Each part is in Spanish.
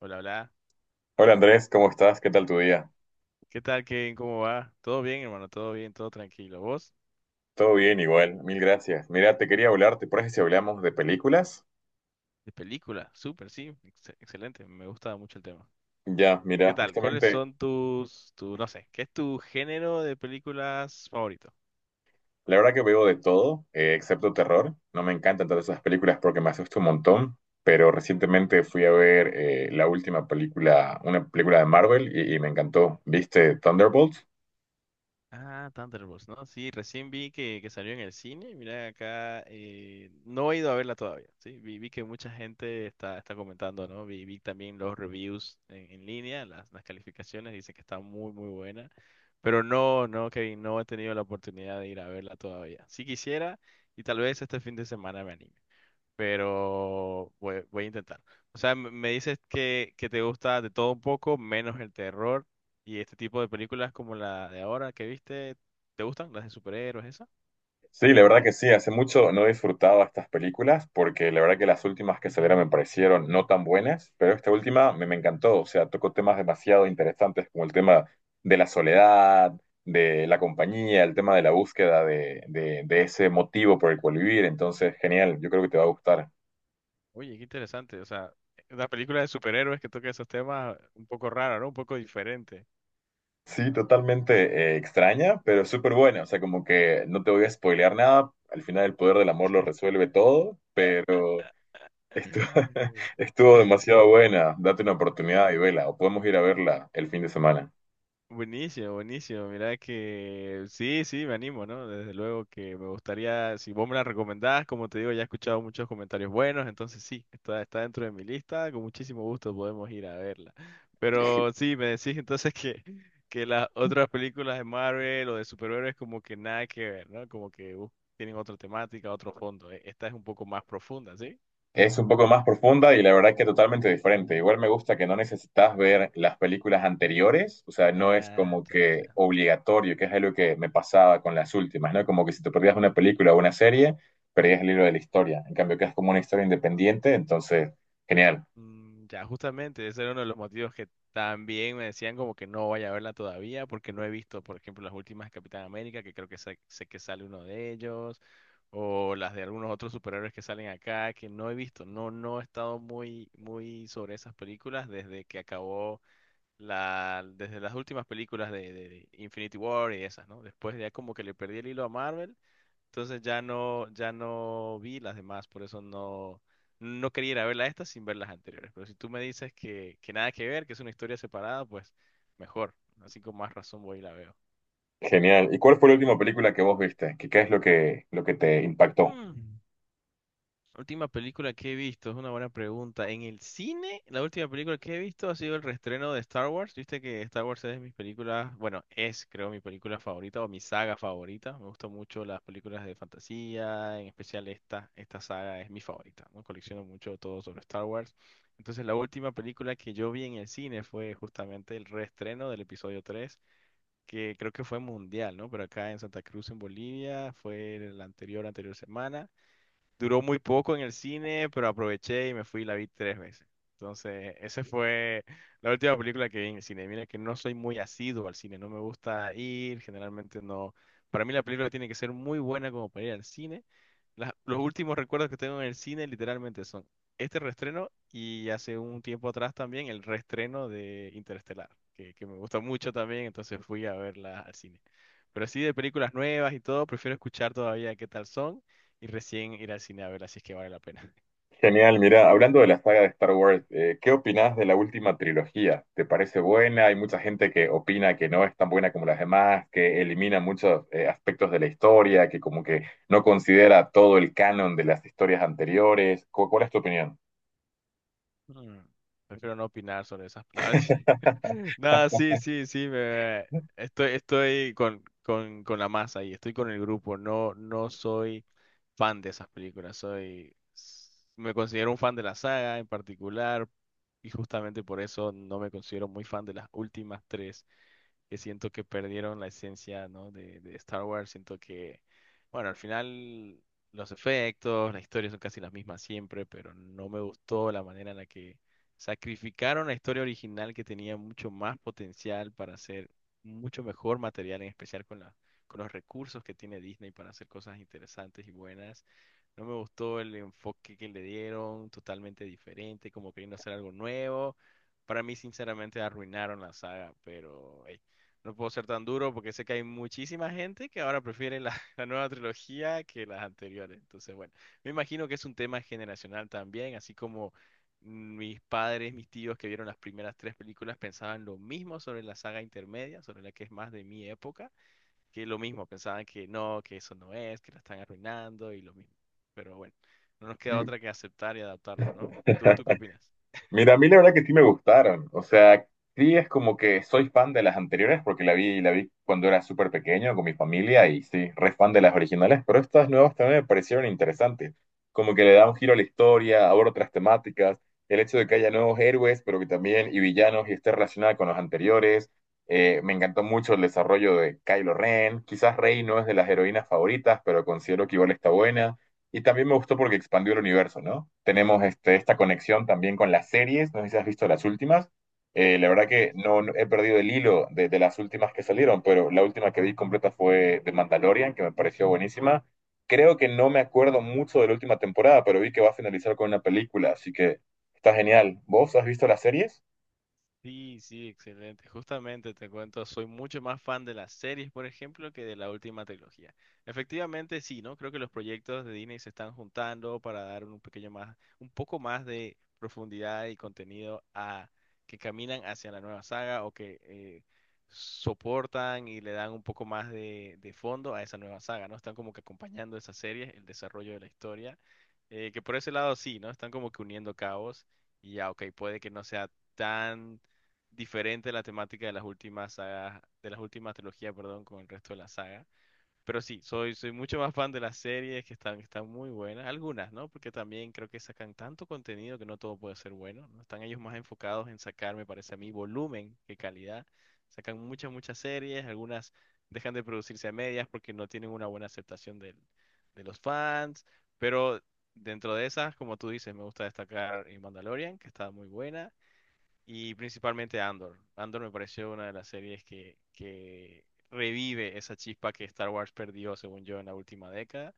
Hola, hola. Hola Andrés, ¿cómo estás? ¿Qué tal tu día? ¿Qué tal, Kevin? ¿Cómo va? ¿Todo bien, hermano? ¿Todo bien? ¿Todo tranquilo? ¿Vos? Todo bien, igual, mil gracias. Mira, te quería hablar, ¿te parece si hablamos de películas? De película. Súper, sí. Excelente. Me gusta mucho el tema. Ya, mira, ¿Qué tal? ¿Cuáles justamente, son tu, no sé, qué es tu género de películas favorito? la verdad que veo de todo, excepto terror. No me encantan todas esas películas porque me asusta un montón, pero recientemente fui a ver la última película, una película de Marvel y me encantó. ¿Viste Thunderbolts? Ah, Thunderbolts, ¿no? Sí, recién vi que salió en el cine. Mira acá, no he ido a verla todavía, ¿sí? Vi que mucha gente está comentando, ¿no? Vi también los reviews en línea, las calificaciones, dicen que está muy, muy buena. Pero no, no, Kevin, no he tenido la oportunidad de ir a verla todavía. Si quisiera, y tal vez este fin de semana me anime, pero voy a intentar. O sea, me dices que te gusta de todo un poco, menos el terror y este tipo de películas como la de ahora que viste, ¿te gustan las de superhéroes, esa? Sí, la verdad que sí, hace mucho no he disfrutado estas películas porque la verdad que las últimas que salieron me parecieron no tan buenas, pero esta última me encantó, o sea, tocó temas demasiado interesantes como el tema de la soledad, de la compañía, el tema de la búsqueda de ese motivo por el cual vivir, entonces genial, yo creo que te va a gustar. Oye, qué interesante. O sea, una película de superhéroes que toca esos temas un poco raro, ¿no? Un poco diferente. Sí, totalmente extraña, pero súper buena, o sea, como que no te voy a spoilear nada, al final el poder del amor lo resuelve todo, pero... Estuvo, estuvo demasiado buena, date una oportunidad y vela, o podemos ir a verla el fin de semana. Buenísimo, buenísimo. Mira que sí, sí, me animo, ¿no? Desde luego que me gustaría, si vos me la recomendás, como te digo, ya he escuchado muchos comentarios buenos, entonces sí, está, está dentro de mi lista, con muchísimo gusto podemos ir a verla. Pero sí, me decís entonces que las otras películas de Marvel o de superhéroes como que nada que ver, ¿no? Como que tienen otra temática, otro fondo. Esta es un poco más profunda, ¿sí? Es un poco más profunda y la verdad que totalmente diferente. Igual me gusta que no necesitas ver las películas anteriores, o sea, no es Ah, como ya, que ya. obligatorio, que es algo que me pasaba con las últimas, ¿no? Como que si te perdías una película o una serie, perdías el libro de la historia. En cambio, que es como una historia independiente, entonces, genial, Mm. Ya, justamente, ese era uno de los motivos que también me decían como que no vaya a verla todavía, porque no he visto, por ejemplo, las últimas de Capitán América, que creo que sé, que sale uno de ellos, o las de algunos otros superhéroes que salen acá, que no he visto. No, no he estado muy, muy sobre esas películas desde que acabó la, desde las últimas películas de Infinity War y esas, ¿no? Después ya como que le perdí el hilo a Marvel. Entonces ya no, vi las demás, por eso no quería ir a ver las estas sin ver las anteriores. Pero si tú me dices que nada que ver, que es una historia separada, pues mejor. Así con más razón voy y la veo. genial. ¿Y cuál fue la última película que vos viste? ¿Qué, qué es lo que te impactó? Mm. Última película que he visto, es una buena pregunta. En el cine, la última película que he visto ha sido el reestreno de Star Wars. Viste que Star Wars es de mis películas, bueno, es creo mi película favorita o mi saga favorita. Me gustan mucho las películas de fantasía, en especial esta, saga es mi favorita, ¿no? Colecciono mucho todo sobre Star Wars. Entonces la última película que yo vi en el cine fue justamente el reestreno del episodio 3 que creo que fue mundial, ¿no? Pero acá en Santa Cruz, en Bolivia, fue la anterior, anterior semana. Duró muy poco en el cine, pero aproveché y me fui y la vi tres veces. Entonces, esa fue la última película que vi en el cine. Mira que no soy muy asiduo al cine, no me gusta ir, generalmente no. Para mí la película tiene que ser muy buena como para ir al cine. Los últimos recuerdos que tengo en el cine literalmente son este reestreno y hace un tiempo atrás también el reestreno de Interestelar, que me gusta mucho también, entonces fui a verla al cine. Pero así de películas nuevas y todo, prefiero escuchar todavía qué tal son y recién ir al cine a verla, así es que vale la pena. Genial, mira, hablando de la saga de Star Wars, ¿qué opinás de la última trilogía? ¿Te parece buena? Hay mucha gente que opina que no es tan buena como las demás, que elimina muchos aspectos de la historia, que como que no considera todo el canon de las historias anteriores. ¿Cuál es tu opinión? Mm. Prefiero no opinar sobre esas palabras. Nada, sí, sí, sí, estoy con la masa y estoy con el grupo. No, no soy fan de esas películas. Me considero un fan de la saga en particular y justamente por eso no me considero muy fan de las últimas tres. Que siento que perdieron la esencia, ¿no? De Star Wars. Siento que, bueno, al final los efectos, las historias son casi las mismas siempre, pero no me gustó la manera en la que sacrificaron la historia original que tenía mucho más potencial para hacer mucho mejor material, en especial con con los recursos que tiene Disney para hacer cosas interesantes y buenas. No me gustó el enfoque que le dieron, totalmente diferente, como queriendo hacer algo nuevo. Para mí, sinceramente, arruinaron la saga, pero ey, no puedo ser tan duro porque sé que hay muchísima gente que ahora prefiere la, la nueva trilogía que las anteriores. Entonces, bueno, me imagino que es un tema generacional también, así como mis padres, mis tíos que vieron las primeras tres películas pensaban lo mismo sobre la saga intermedia, sobre la que es más de mi época que lo mismo, pensaban que no, que eso no es, que la están arruinando y lo mismo. Pero bueno, no nos queda otra que aceptar y adaptarnos, ¿no? ¿Tú qué opinas? Mira, a mí la verdad que sí me gustaron. O sea, sí es como que soy fan de las anteriores porque la vi cuando era súper pequeño con mi familia y sí, re fan de las originales, pero estas nuevas también me parecieron interesantes. Como que le da un giro a la historia, aborda otras temáticas, el hecho de que haya nuevos héroes, pero que también y villanos y esté relacionada con los anteriores. Me encantó mucho el desarrollo de Kylo Ren. Quizás Rey no es de las Mm. heroínas favoritas, pero considero que igual está buena. Y también me gustó porque expandió el universo, ¿no? Tenemos esta conexión también con las series, no sé si has visto las últimas. La verdad Sí. que no, he perdido el hilo de las últimas que salieron, pero la última que vi completa fue de Mandalorian, que me pareció buenísima. Creo que no me acuerdo mucho de la última temporada, pero vi que va a finalizar con una película, así que está genial. ¿Vos has visto las series? Sí, sí, excelente. Justamente te cuento, soy mucho más fan de las series, por ejemplo, que de la última trilogía. Efectivamente, sí, ¿no? Creo que los proyectos de Disney se están juntando para dar un pequeño más, un poco más de profundidad y contenido a que caminan hacia la nueva saga o que soportan y le dan un poco más de fondo a esa nueva saga, ¿no? Están como que acompañando esas series, el desarrollo de la historia, que por ese lado sí, ¿no? Están como que uniendo cabos y ya, ok, puede que no sea tan diferente la temática de las últimas sagas, de las últimas trilogías, perdón, con el resto de la saga. Pero sí, soy mucho más fan de las series que están muy buenas, algunas, ¿no? Porque también creo que sacan tanto contenido que no todo puede ser bueno, ¿no? Están ellos más enfocados en sacar, me parece a mí, volumen que calidad. Sacan muchas, muchas series, algunas dejan de producirse a medias porque no tienen una buena aceptación de los fans, pero dentro de esas, como tú dices, me gusta destacar Mandalorian, que está muy buena y principalmente Andor. Andor me pareció una de las series que, revive esa chispa que Star Wars perdió, según yo, en la última década.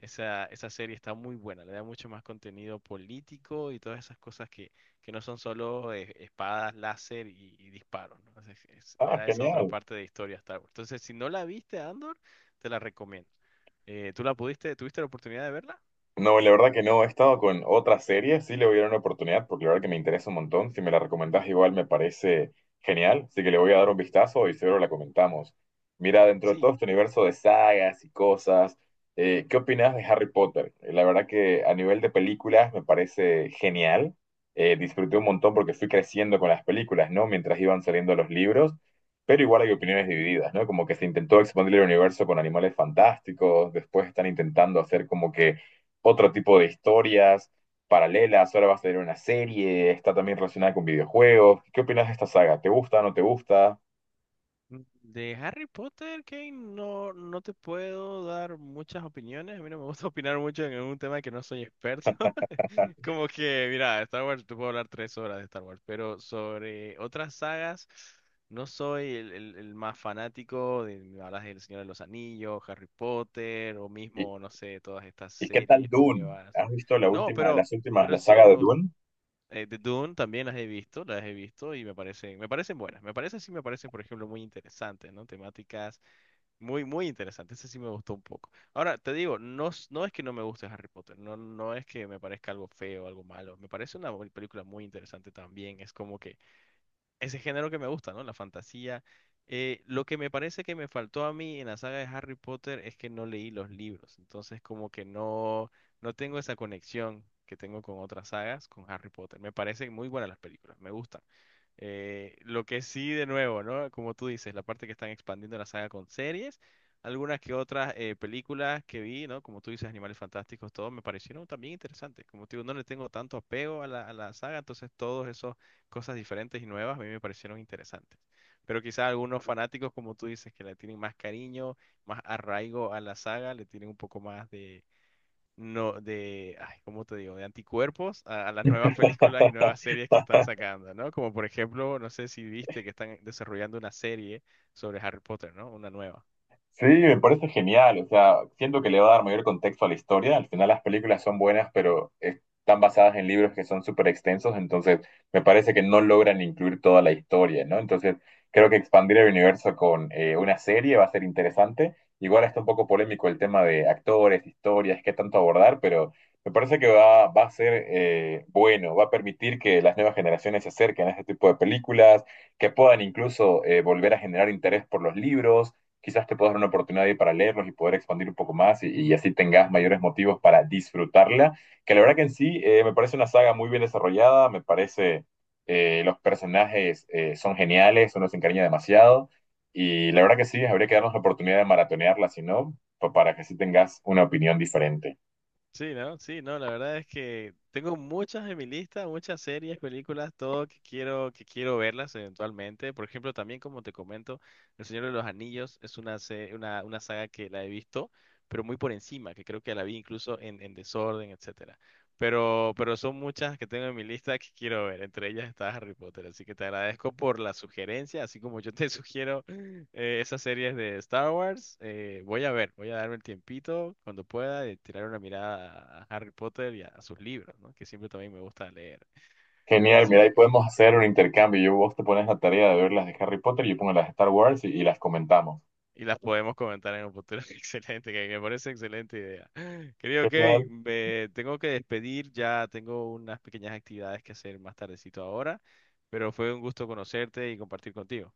Esa serie está muy buena, le da mucho más contenido político y todas esas cosas que no son solo espadas, láser y disparos, ¿no? Entonces, le Ah, da esa otra genial. parte de historia a Star Wars. Entonces, si no la viste, Andor, te la recomiendo. ¿Tú la pudiste, tuviste la oportunidad de verla? No, la verdad que no, he estado con otra serie, sí le voy a dar una oportunidad porque la verdad que me interesa un montón, si me la recomendás igual me parece genial, así que le voy a dar un vistazo y seguro la comentamos. Mira, dentro de Sí. todo este universo de sagas y cosas, ¿qué opinás de Harry Potter? La verdad que a nivel de películas me parece genial, disfruté un montón porque fui creciendo con las películas, ¿no? Mientras iban saliendo los libros, pero igual hay opiniones Mm. divididas, ¿no? Como que se intentó expandir el universo con animales fantásticos, después están intentando hacer como que otro tipo de historias paralelas, ahora va a salir una serie, está también relacionada con videojuegos. ¿Qué opinas de esta saga? ¿Te gusta, no te gusta? De Harry Potter, Kane, no, no te puedo dar muchas opiniones. A mí no me gusta opinar mucho en un tema que no soy experto. Como que, mira, Star Wars, te puedo hablar 3 horas de Star Wars, pero sobre otras sagas, no soy el más fanático. De, me hablas del Señor de los Anillos, Harry Potter, o ¿Y, mismo, no sé, todas estas y qué tal series Dune? nuevas. ¿Has visto la No, última, pero, las últimas, pero la sí, saga me de Dune? The Dune también las he visto y me parecen buenas. Me parecen, sí, me parecen, por ejemplo, muy interesantes, ¿no? Temáticas muy, muy interesantes. Ese sí me gustó un poco. Ahora, te digo, no, no es que no me guste Harry Potter, no, no es que me parezca algo feo, algo malo. Me parece una película muy interesante también. Es como que ese género que me gusta, ¿no? La fantasía. Lo que me parece que me faltó a mí en la saga de Harry Potter es que no leí los libros, entonces como que no, no tengo esa conexión que tengo con otras sagas, con Harry Potter. Me parecen muy buenas las películas, me gustan. Lo que sí, de nuevo, ¿no? Como tú dices, la parte que están expandiendo la saga con series, algunas que otras películas que vi, ¿no? Como tú dices, Animales Fantásticos, todo me parecieron también interesantes. Como te digo, no le tengo tanto apego a la, saga, entonces todos esos cosas diferentes y nuevas, a mí me parecieron interesantes. Pero quizás algunos fanáticos, como tú dices, que le tienen más cariño, más arraigo a la saga, le tienen un poco más de, no, de, ay, ¿cómo te digo?, de anticuerpos a las nuevas películas y nuevas series que están sacando, ¿no? Como por ejemplo, no sé si viste que están desarrollando una serie sobre Harry Potter, ¿no? Una nueva. Sí, me parece genial. O sea, siento que le va a dar mayor contexto a la historia. Al final las películas son buenas, pero están basadas en libros que son súper extensos, entonces me parece que no logran incluir toda la historia, ¿no? Entonces creo que expandir el universo con una serie va a ser interesante. Igual está un poco polémico el tema de actores, historias, qué tanto abordar, pero me parece que va a ser bueno, va a permitir que las nuevas generaciones se acerquen a este tipo de películas, que puedan incluso volver a generar interés por los libros quizás te puedas dar una oportunidad ahí para leerlos y poder expandir un poco más y así tengas mayores motivos para disfrutarla, que la verdad que en sí me parece una saga muy bien desarrollada, me parece los personajes son geniales, uno se encariña demasiado y la verdad que sí, habría que darnos la oportunidad de maratonearla, si no, para que sí tengas una opinión diferente. Sí, ¿no? Sí, no, la verdad es que tengo muchas en mi lista, muchas series, películas, todo que quiero, verlas eventualmente. Por ejemplo, también como te comento, El Señor de los Anillos es una, una saga que la he visto, pero muy por encima, que creo que la vi incluso en, desorden, etcétera. pero son muchas que tengo en mi lista que quiero ver. Entre ellas está Harry Potter, así que te agradezco por la sugerencia, así como yo te sugiero esas series de Star Wars. Voy a ver, voy a darme el tiempito cuando pueda de tirar una mirada a Harry Potter y a sus libros, ¿no? Que siempre también me gusta leer. Genial, mira, Buenísimo. ahí podemos hacer un intercambio. Yo, vos te pones la tarea de ver las de Harry Potter, yo pongo las de Star Wars y las comentamos. Y las podemos comentar en un futuro. Excelente, que me parece excelente idea. Querido Genial. Kevin, me tengo que despedir. Ya tengo unas pequeñas actividades que hacer más tardecito ahora. Pero fue un gusto conocerte y compartir contigo.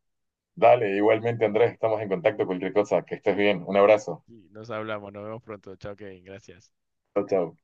Dale, igualmente Andrés, estamos en contacto, cualquier cosa, que estés bien, un abrazo, Y nos hablamos, nos vemos pronto. Chao, Kevin. Gracias. chao, chao.